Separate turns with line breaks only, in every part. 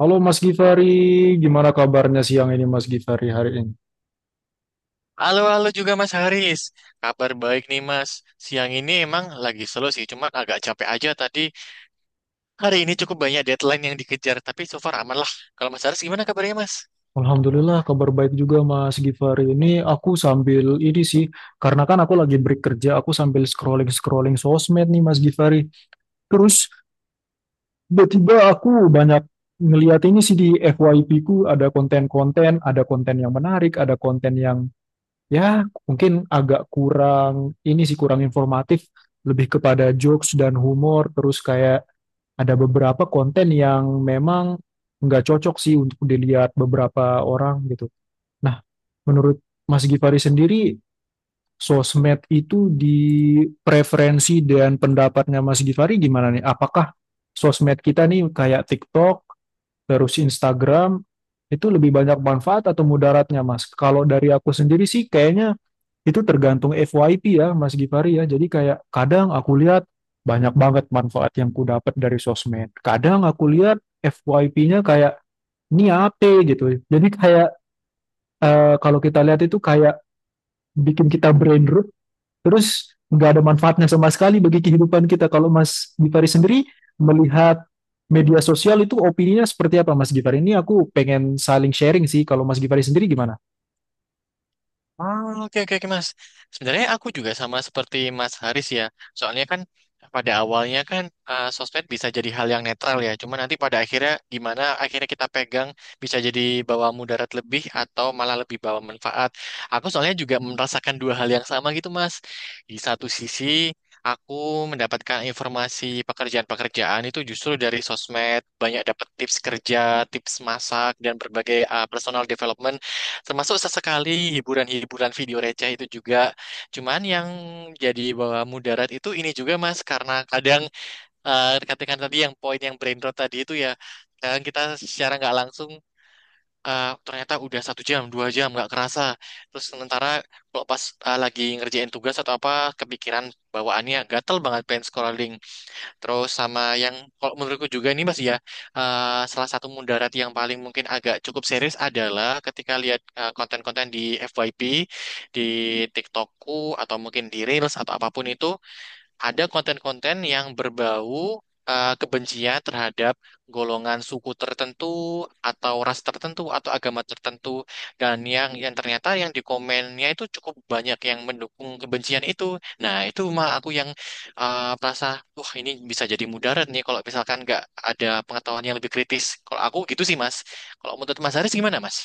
Halo Mas Gifari, gimana kabarnya siang ini Mas Gifari hari ini?
Halo, halo juga Mas Haris. Kabar baik nih Mas. Siang ini emang lagi slow sih, cuma agak capek aja tadi. Hari ini cukup banyak deadline yang dikejar, tapi so far aman lah. Kalau Mas Haris gimana kabarnya Mas?
Alhamdulillah kabar baik juga Mas Gifari. Ini aku sambil ini sih, karena kan aku lagi break kerja, aku sambil scrolling-scrolling sosmed nih Mas Gifari. Terus tiba-tiba aku banyak ngeliat ini sih di FYP ku ada konten-konten, ada konten yang menarik, ada konten yang ya mungkin agak kurang ini sih kurang informatif, lebih kepada jokes dan humor, terus kayak ada beberapa konten yang memang nggak cocok sih untuk dilihat beberapa orang gitu. Nah, menurut Mas Gifari sendiri, sosmed itu di preferensi dan pendapatnya Mas Gifari gimana nih? Apakah sosmed kita nih kayak TikTok, terus Instagram, itu lebih banyak manfaat atau mudaratnya, Mas? Kalau dari aku sendiri sih kayaknya itu tergantung FYP ya Mas Gifari ya. Jadi kayak kadang aku lihat banyak banget manfaat yang ku dapat dari sosmed. Kadang aku lihat FYP-nya kayak ini apa gitu. Jadi kayak kalau kita lihat itu kayak bikin kita brain rot terus nggak ada manfaatnya sama sekali bagi kehidupan kita. Kalau Mas Gifari sendiri melihat media sosial itu opininya seperti apa Mas Gifari? Ini aku pengen saling sharing sih. Kalau Mas Gifari sendiri gimana?
Oke oke oke, Mas. Sebenarnya aku juga sama seperti Mas Haris ya. Soalnya kan pada awalnya kan sosmed bisa jadi hal yang netral ya. Cuma nanti pada akhirnya gimana akhirnya kita pegang bisa jadi bawa mudarat lebih atau malah lebih bawa manfaat. Aku soalnya juga merasakan dua hal yang sama gitu, Mas. Di satu sisi aku mendapatkan informasi pekerjaan-pekerjaan itu justru dari sosmed, banyak dapat tips kerja, tips masak, dan berbagai personal development. Termasuk sesekali hiburan-hiburan video receh itu juga. Cuman yang jadi bawah mudarat itu ini juga Mas, karena kadang katakan tadi yang poin yang brain rot tadi itu ya, kadang kita secara nggak langsung ternyata udah satu jam, dua jam nggak kerasa. Terus sementara kalau pas lagi ngerjain tugas atau apa, kepikiran bawaannya gatel banget pengen scrolling. Terus sama yang kalau menurutku juga ini Mas ya, salah satu mudarat yang paling mungkin agak cukup serius adalah ketika lihat konten-konten di FYP, di TikTokku atau mungkin di Reels atau apapun itu ada konten-konten yang berbau kebencian terhadap golongan suku tertentu atau ras tertentu atau agama tertentu dan yang ternyata yang di komennya itu cukup banyak yang mendukung kebencian itu. Nah, itu mah aku yang merasa wah ini bisa jadi mudarat nih kalau misalkan nggak ada pengetahuan yang lebih kritis. Kalau aku gitu sih, Mas. Kalau menurut Mas Haris gimana, Mas?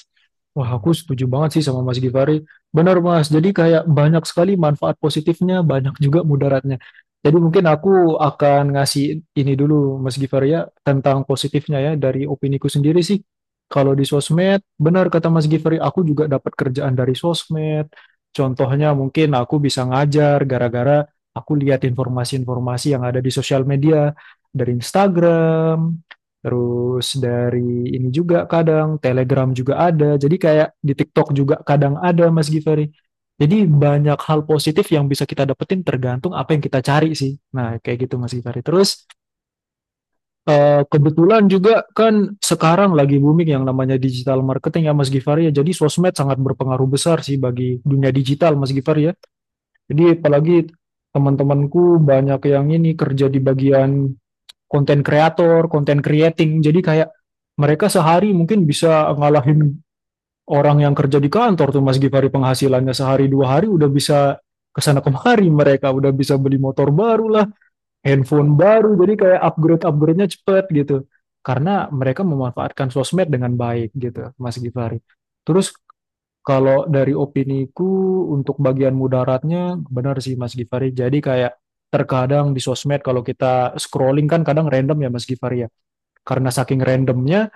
Wah, aku setuju banget sih sama Mas Givari. Benar, Mas. Jadi kayak banyak sekali manfaat positifnya, banyak juga mudaratnya. Jadi mungkin aku akan ngasih ini dulu, Mas Givari ya, tentang positifnya ya, dari opiniku sendiri sih. Kalau di sosmed, benar kata Mas Givari, aku juga dapat kerjaan dari sosmed. Contohnya mungkin aku bisa ngajar gara-gara aku lihat informasi-informasi yang ada di sosial media, dari Instagram, terus dari ini juga kadang Telegram juga ada. Jadi kayak di TikTok juga kadang ada Mas Givari. Jadi banyak hal positif yang bisa kita dapetin tergantung apa yang kita cari sih. Nah, kayak gitu Mas Givari. Terus kebetulan juga kan sekarang lagi booming yang namanya digital marketing ya Mas Givari ya. Jadi sosmed sangat berpengaruh besar sih bagi dunia digital Mas Givari ya. Jadi apalagi teman-temanku banyak yang ini kerja di bagian konten kreator, konten creating. Jadi kayak mereka sehari mungkin bisa ngalahin orang yang kerja di kantor tuh Mas Gifari, penghasilannya sehari dua hari udah bisa kesana kemari, mereka udah bisa beli motor baru lah, handphone baru, jadi kayak upgrade upgrade-nya cepet gitu. Karena mereka memanfaatkan sosmed dengan baik gitu, Mas Gifari. Terus kalau dari opiniku untuk bagian mudaratnya benar sih Mas Gifari. Jadi kayak terkadang di sosmed kalau kita scrolling kan kadang random ya Mas Gifari ya, karena saking randomnya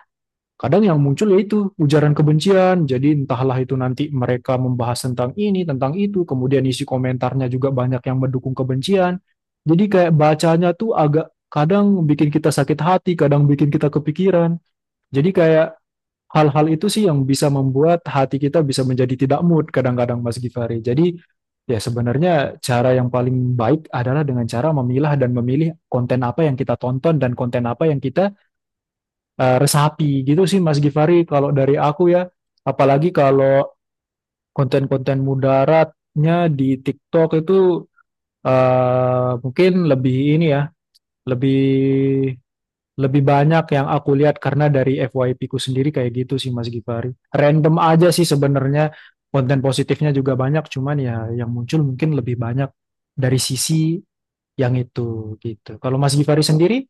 kadang yang muncul yaitu ujaran kebencian. Jadi entahlah, itu nanti mereka membahas tentang ini tentang itu, kemudian isi komentarnya juga banyak yang mendukung kebencian. Jadi kayak bacanya tuh agak kadang bikin kita sakit hati, kadang bikin kita kepikiran. Jadi kayak hal-hal itu sih yang bisa membuat hati kita bisa menjadi tidak mood kadang-kadang Mas Gifari. Jadi ya sebenarnya cara yang paling baik adalah dengan cara memilah dan memilih konten apa yang kita tonton dan konten apa yang kita resapi, gitu sih Mas Gifari kalau dari aku ya. Apalagi kalau konten-konten mudaratnya di TikTok itu mungkin lebih ini ya, lebih lebih banyak yang aku lihat karena dari FYP ku sendiri kayak gitu sih Mas Gifari. Random aja sih sebenarnya, konten positifnya juga banyak cuman ya yang muncul mungkin lebih banyak dari sisi yang itu gitu. Kalau Mas Gifari sendiri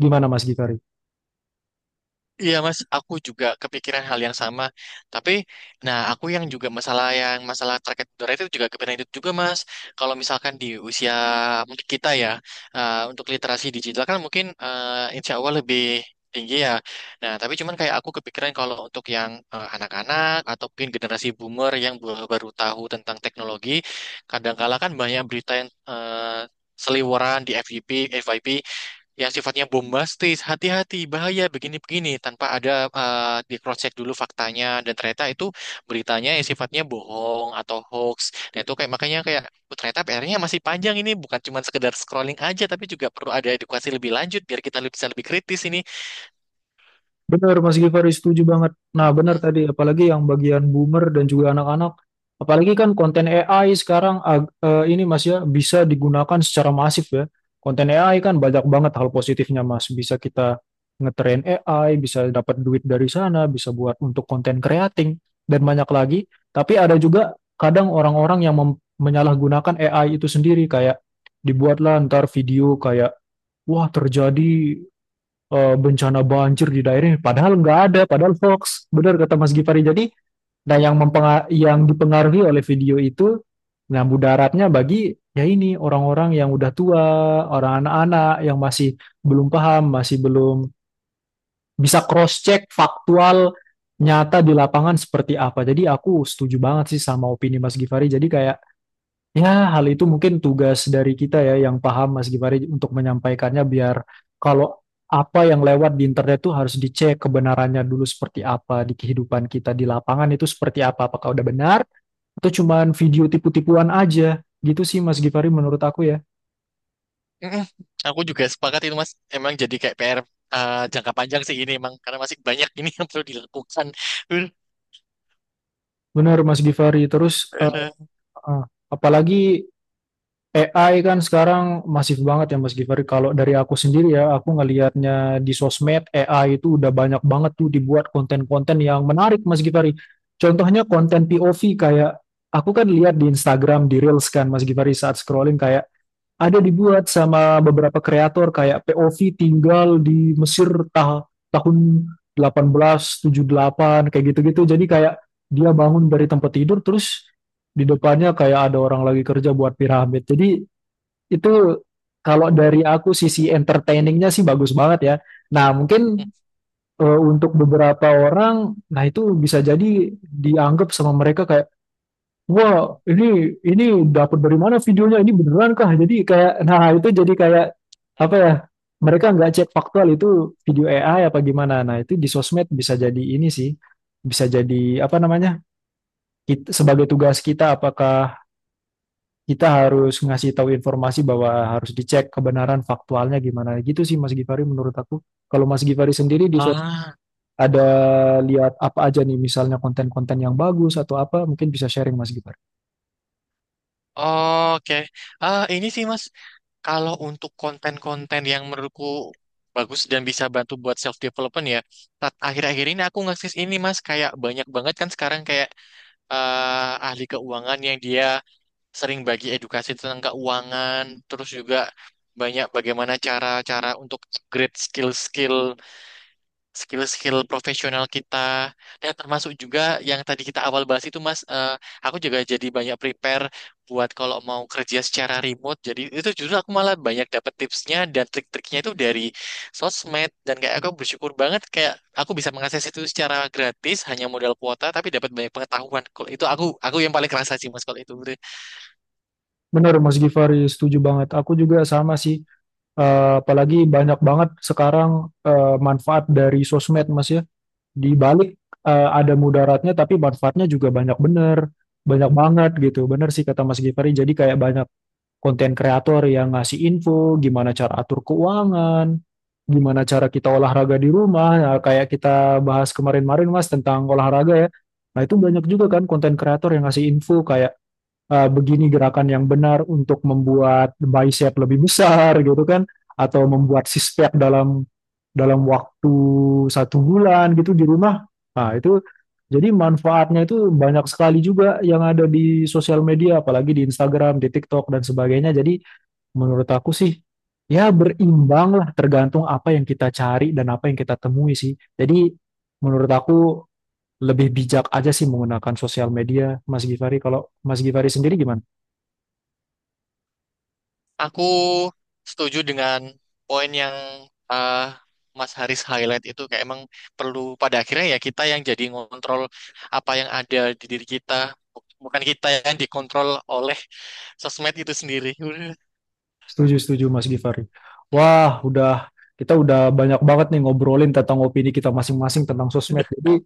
gimana Mas Gifari?
Iya mas, aku juga kepikiran hal yang sama. Tapi, nah aku yang juga masalah yang terkait udara itu juga kepikiran itu juga mas. Kalau misalkan di usia mungkin kita ya, untuk literasi digital kan mungkin insya Allah lebih tinggi ya. Nah tapi cuman kayak aku kepikiran kalau untuk yang anak-anak atau mungkin generasi boomer yang baru baru tahu tentang teknologi, kadang-kala kan banyak berita yang seliweran di FYP yang sifatnya bombastis, hati-hati, bahaya, begini-begini, tanpa ada di cross check dulu faktanya dan ternyata itu beritanya yang sifatnya bohong atau hoax. Nah, itu kayak makanya kayak, "Oh, ternyata PR-nya masih panjang ini, bukan cuma sekedar scrolling aja tapi juga perlu ada edukasi lebih lanjut biar kita bisa lebih kritis ini."
Benar, Mas Gifari setuju banget. Nah, benar tadi, apalagi yang bagian boomer dan juga anak-anak. Apalagi kan konten AI sekarang ini Mas ya bisa digunakan secara masif ya. Konten AI kan banyak banget hal positifnya Mas. Bisa kita ngetrain AI, bisa dapat duit dari sana, bisa buat untuk konten creating dan banyak lagi. Tapi ada juga kadang orang-orang yang menyalahgunakan AI itu sendiri kayak dibuatlah ntar video kayak, wah terjadi bencana banjir di daerah ini. Padahal nggak ada, padahal hoax. Benar kata Mas Gifari. Jadi, nah yang yang dipengaruhi oleh video itu, nah mudaratnya bagi ya ini orang-orang yang udah tua, orang anak-anak yang masih belum paham, masih belum bisa cross-check faktual nyata di lapangan seperti apa. Jadi aku setuju banget sih sama opini Mas Gifari. Jadi kayak ya, hal itu mungkin tugas dari kita ya yang paham Mas Gifari untuk menyampaikannya, biar kalau apa yang lewat di internet itu harus dicek kebenarannya dulu seperti apa di kehidupan kita di lapangan itu seperti apa, apakah udah benar atau cuman video tipu-tipuan aja. Gitu sih Mas Gifari menurut aku ya.
Mm-mm. Aku juga sepakat itu Mas, emang jadi kayak PR jangka panjang sih ini emang karena masih banyak ini yang perlu dilakukan. Uh,
Benar Mas Gifari. Terus
uh,
eh,
uh,
eh, apalagi AI kan sekarang masif banget ya Mas Givari. Kalau dari aku sendiri ya, aku ngelihatnya di sosmed AI itu udah banyak banget tuh dibuat konten-konten yang menarik Mas Givari. Contohnya konten POV kayak aku kan lihat di Instagram di Reels kan Mas Givari, saat scrolling kayak ada dibuat sama beberapa kreator kayak POV tinggal di Mesir tahun 1878 kayak gitu-gitu. Jadi kayak dia bangun dari tempat tidur terus di depannya kayak ada orang lagi kerja buat piramid. Jadi itu kalau dari aku sisi entertainingnya sih bagus banget ya. Nah mungkin untuk beberapa orang, nah itu bisa jadi dianggap sama mereka kayak, wah ini dapat dari mana videonya? Ini beneran kah? Jadi kayak, nah itu jadi kayak
uh.
apa ya? Mereka nggak cek faktual itu video AI apa gimana. Nah itu di sosmed bisa jadi ini sih, bisa jadi apa namanya? Kita, sebagai tugas kita apakah kita harus ngasih tahu informasi bahwa harus dicek kebenaran faktualnya gimana, gitu sih Mas Givari menurut aku. Kalau Mas Givari sendiri di sos
Ah.
ada lihat apa aja nih misalnya konten-konten yang bagus atau apa, mungkin bisa sharing Mas Givari.
Oke, ah ini sih Mas, kalau untuk konten-konten yang menurutku bagus dan bisa bantu buat self development ya. Akhir-akhir ini aku ngakses ini Mas, kayak banyak banget kan sekarang kayak ahli keuangan yang dia sering bagi edukasi tentang keuangan, terus juga banyak bagaimana cara-cara untuk upgrade skill-skill profesional kita dan termasuk juga yang tadi kita awal bahas itu Mas, aku juga jadi banyak prepare buat kalau mau kerja secara remote, jadi itu justru aku malah banyak dapet tipsnya dan trik-triknya itu dari sosmed, dan kayak aku bersyukur banget kayak aku bisa mengakses itu secara gratis hanya modal kuota tapi dapat banyak pengetahuan. Kalau itu aku yang paling kerasa sih Mas kalau itu.
Benar Mas Givari setuju banget. Aku juga sama sih. Apalagi banyak banget sekarang manfaat dari sosmed Mas ya. Di balik ada mudaratnya tapi manfaatnya juga banyak bener. Banyak banget gitu. Bener sih kata Mas Givari. Jadi kayak banyak konten kreator yang ngasih info gimana cara atur keuangan, gimana cara kita olahraga di rumah. Nah, kayak kita bahas kemarin-marin Mas tentang olahraga ya. Nah, itu banyak juga kan konten kreator yang ngasih info kayak begini gerakan yang benar untuk membuat bicep lebih besar gitu kan, atau membuat six pack dalam dalam waktu 1 bulan gitu di rumah. Nah itu jadi manfaatnya itu banyak sekali juga yang ada di sosial media, apalagi di Instagram, di TikTok, dan sebagainya. Jadi menurut aku sih, ya berimbang lah tergantung apa yang kita cari dan apa yang kita temui sih. Jadi menurut aku lebih bijak aja sih menggunakan sosial media, Mas Gifari. Kalau Mas Gifari sendiri gimana?
Aku setuju dengan poin yang eh, Mas Haris highlight itu, kayak emang perlu pada akhirnya ya kita yang jadi ngontrol apa yang ada di diri kita, bukan kita yang dikontrol oleh sosmed itu sendiri.
Setuju, setuju Mas Gifari. Wah, udah, kita udah banyak banget nih ngobrolin tentang opini kita masing-masing tentang sosmed. Jadi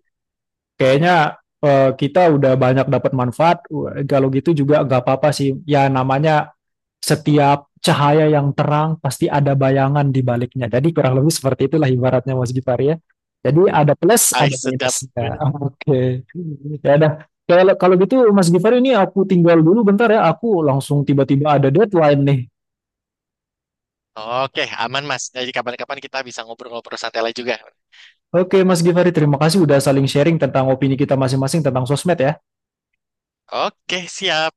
kayaknya kita udah banyak dapat manfaat. Wah, kalau gitu juga nggak apa-apa sih. Ya namanya setiap cahaya yang terang pasti ada bayangan di baliknya. Jadi kurang lebih seperti itulah ibaratnya Mas Gifari ya. Jadi ada plus,
Ay,
ada
sedap.
minusnya. Oke. Ya udah. Kalau kalau gitu Mas Gifari ini aku tinggal dulu bentar ya. Aku langsung tiba-tiba ada deadline nih.
Oke, aman Mas. Jadi kapan-kapan kita bisa ngobrol-ngobrol santai lagi juga.
Oke, Mas Givari, terima kasih udah saling sharing tentang opini kita masing-masing tentang sosmed ya.
Oke, siap.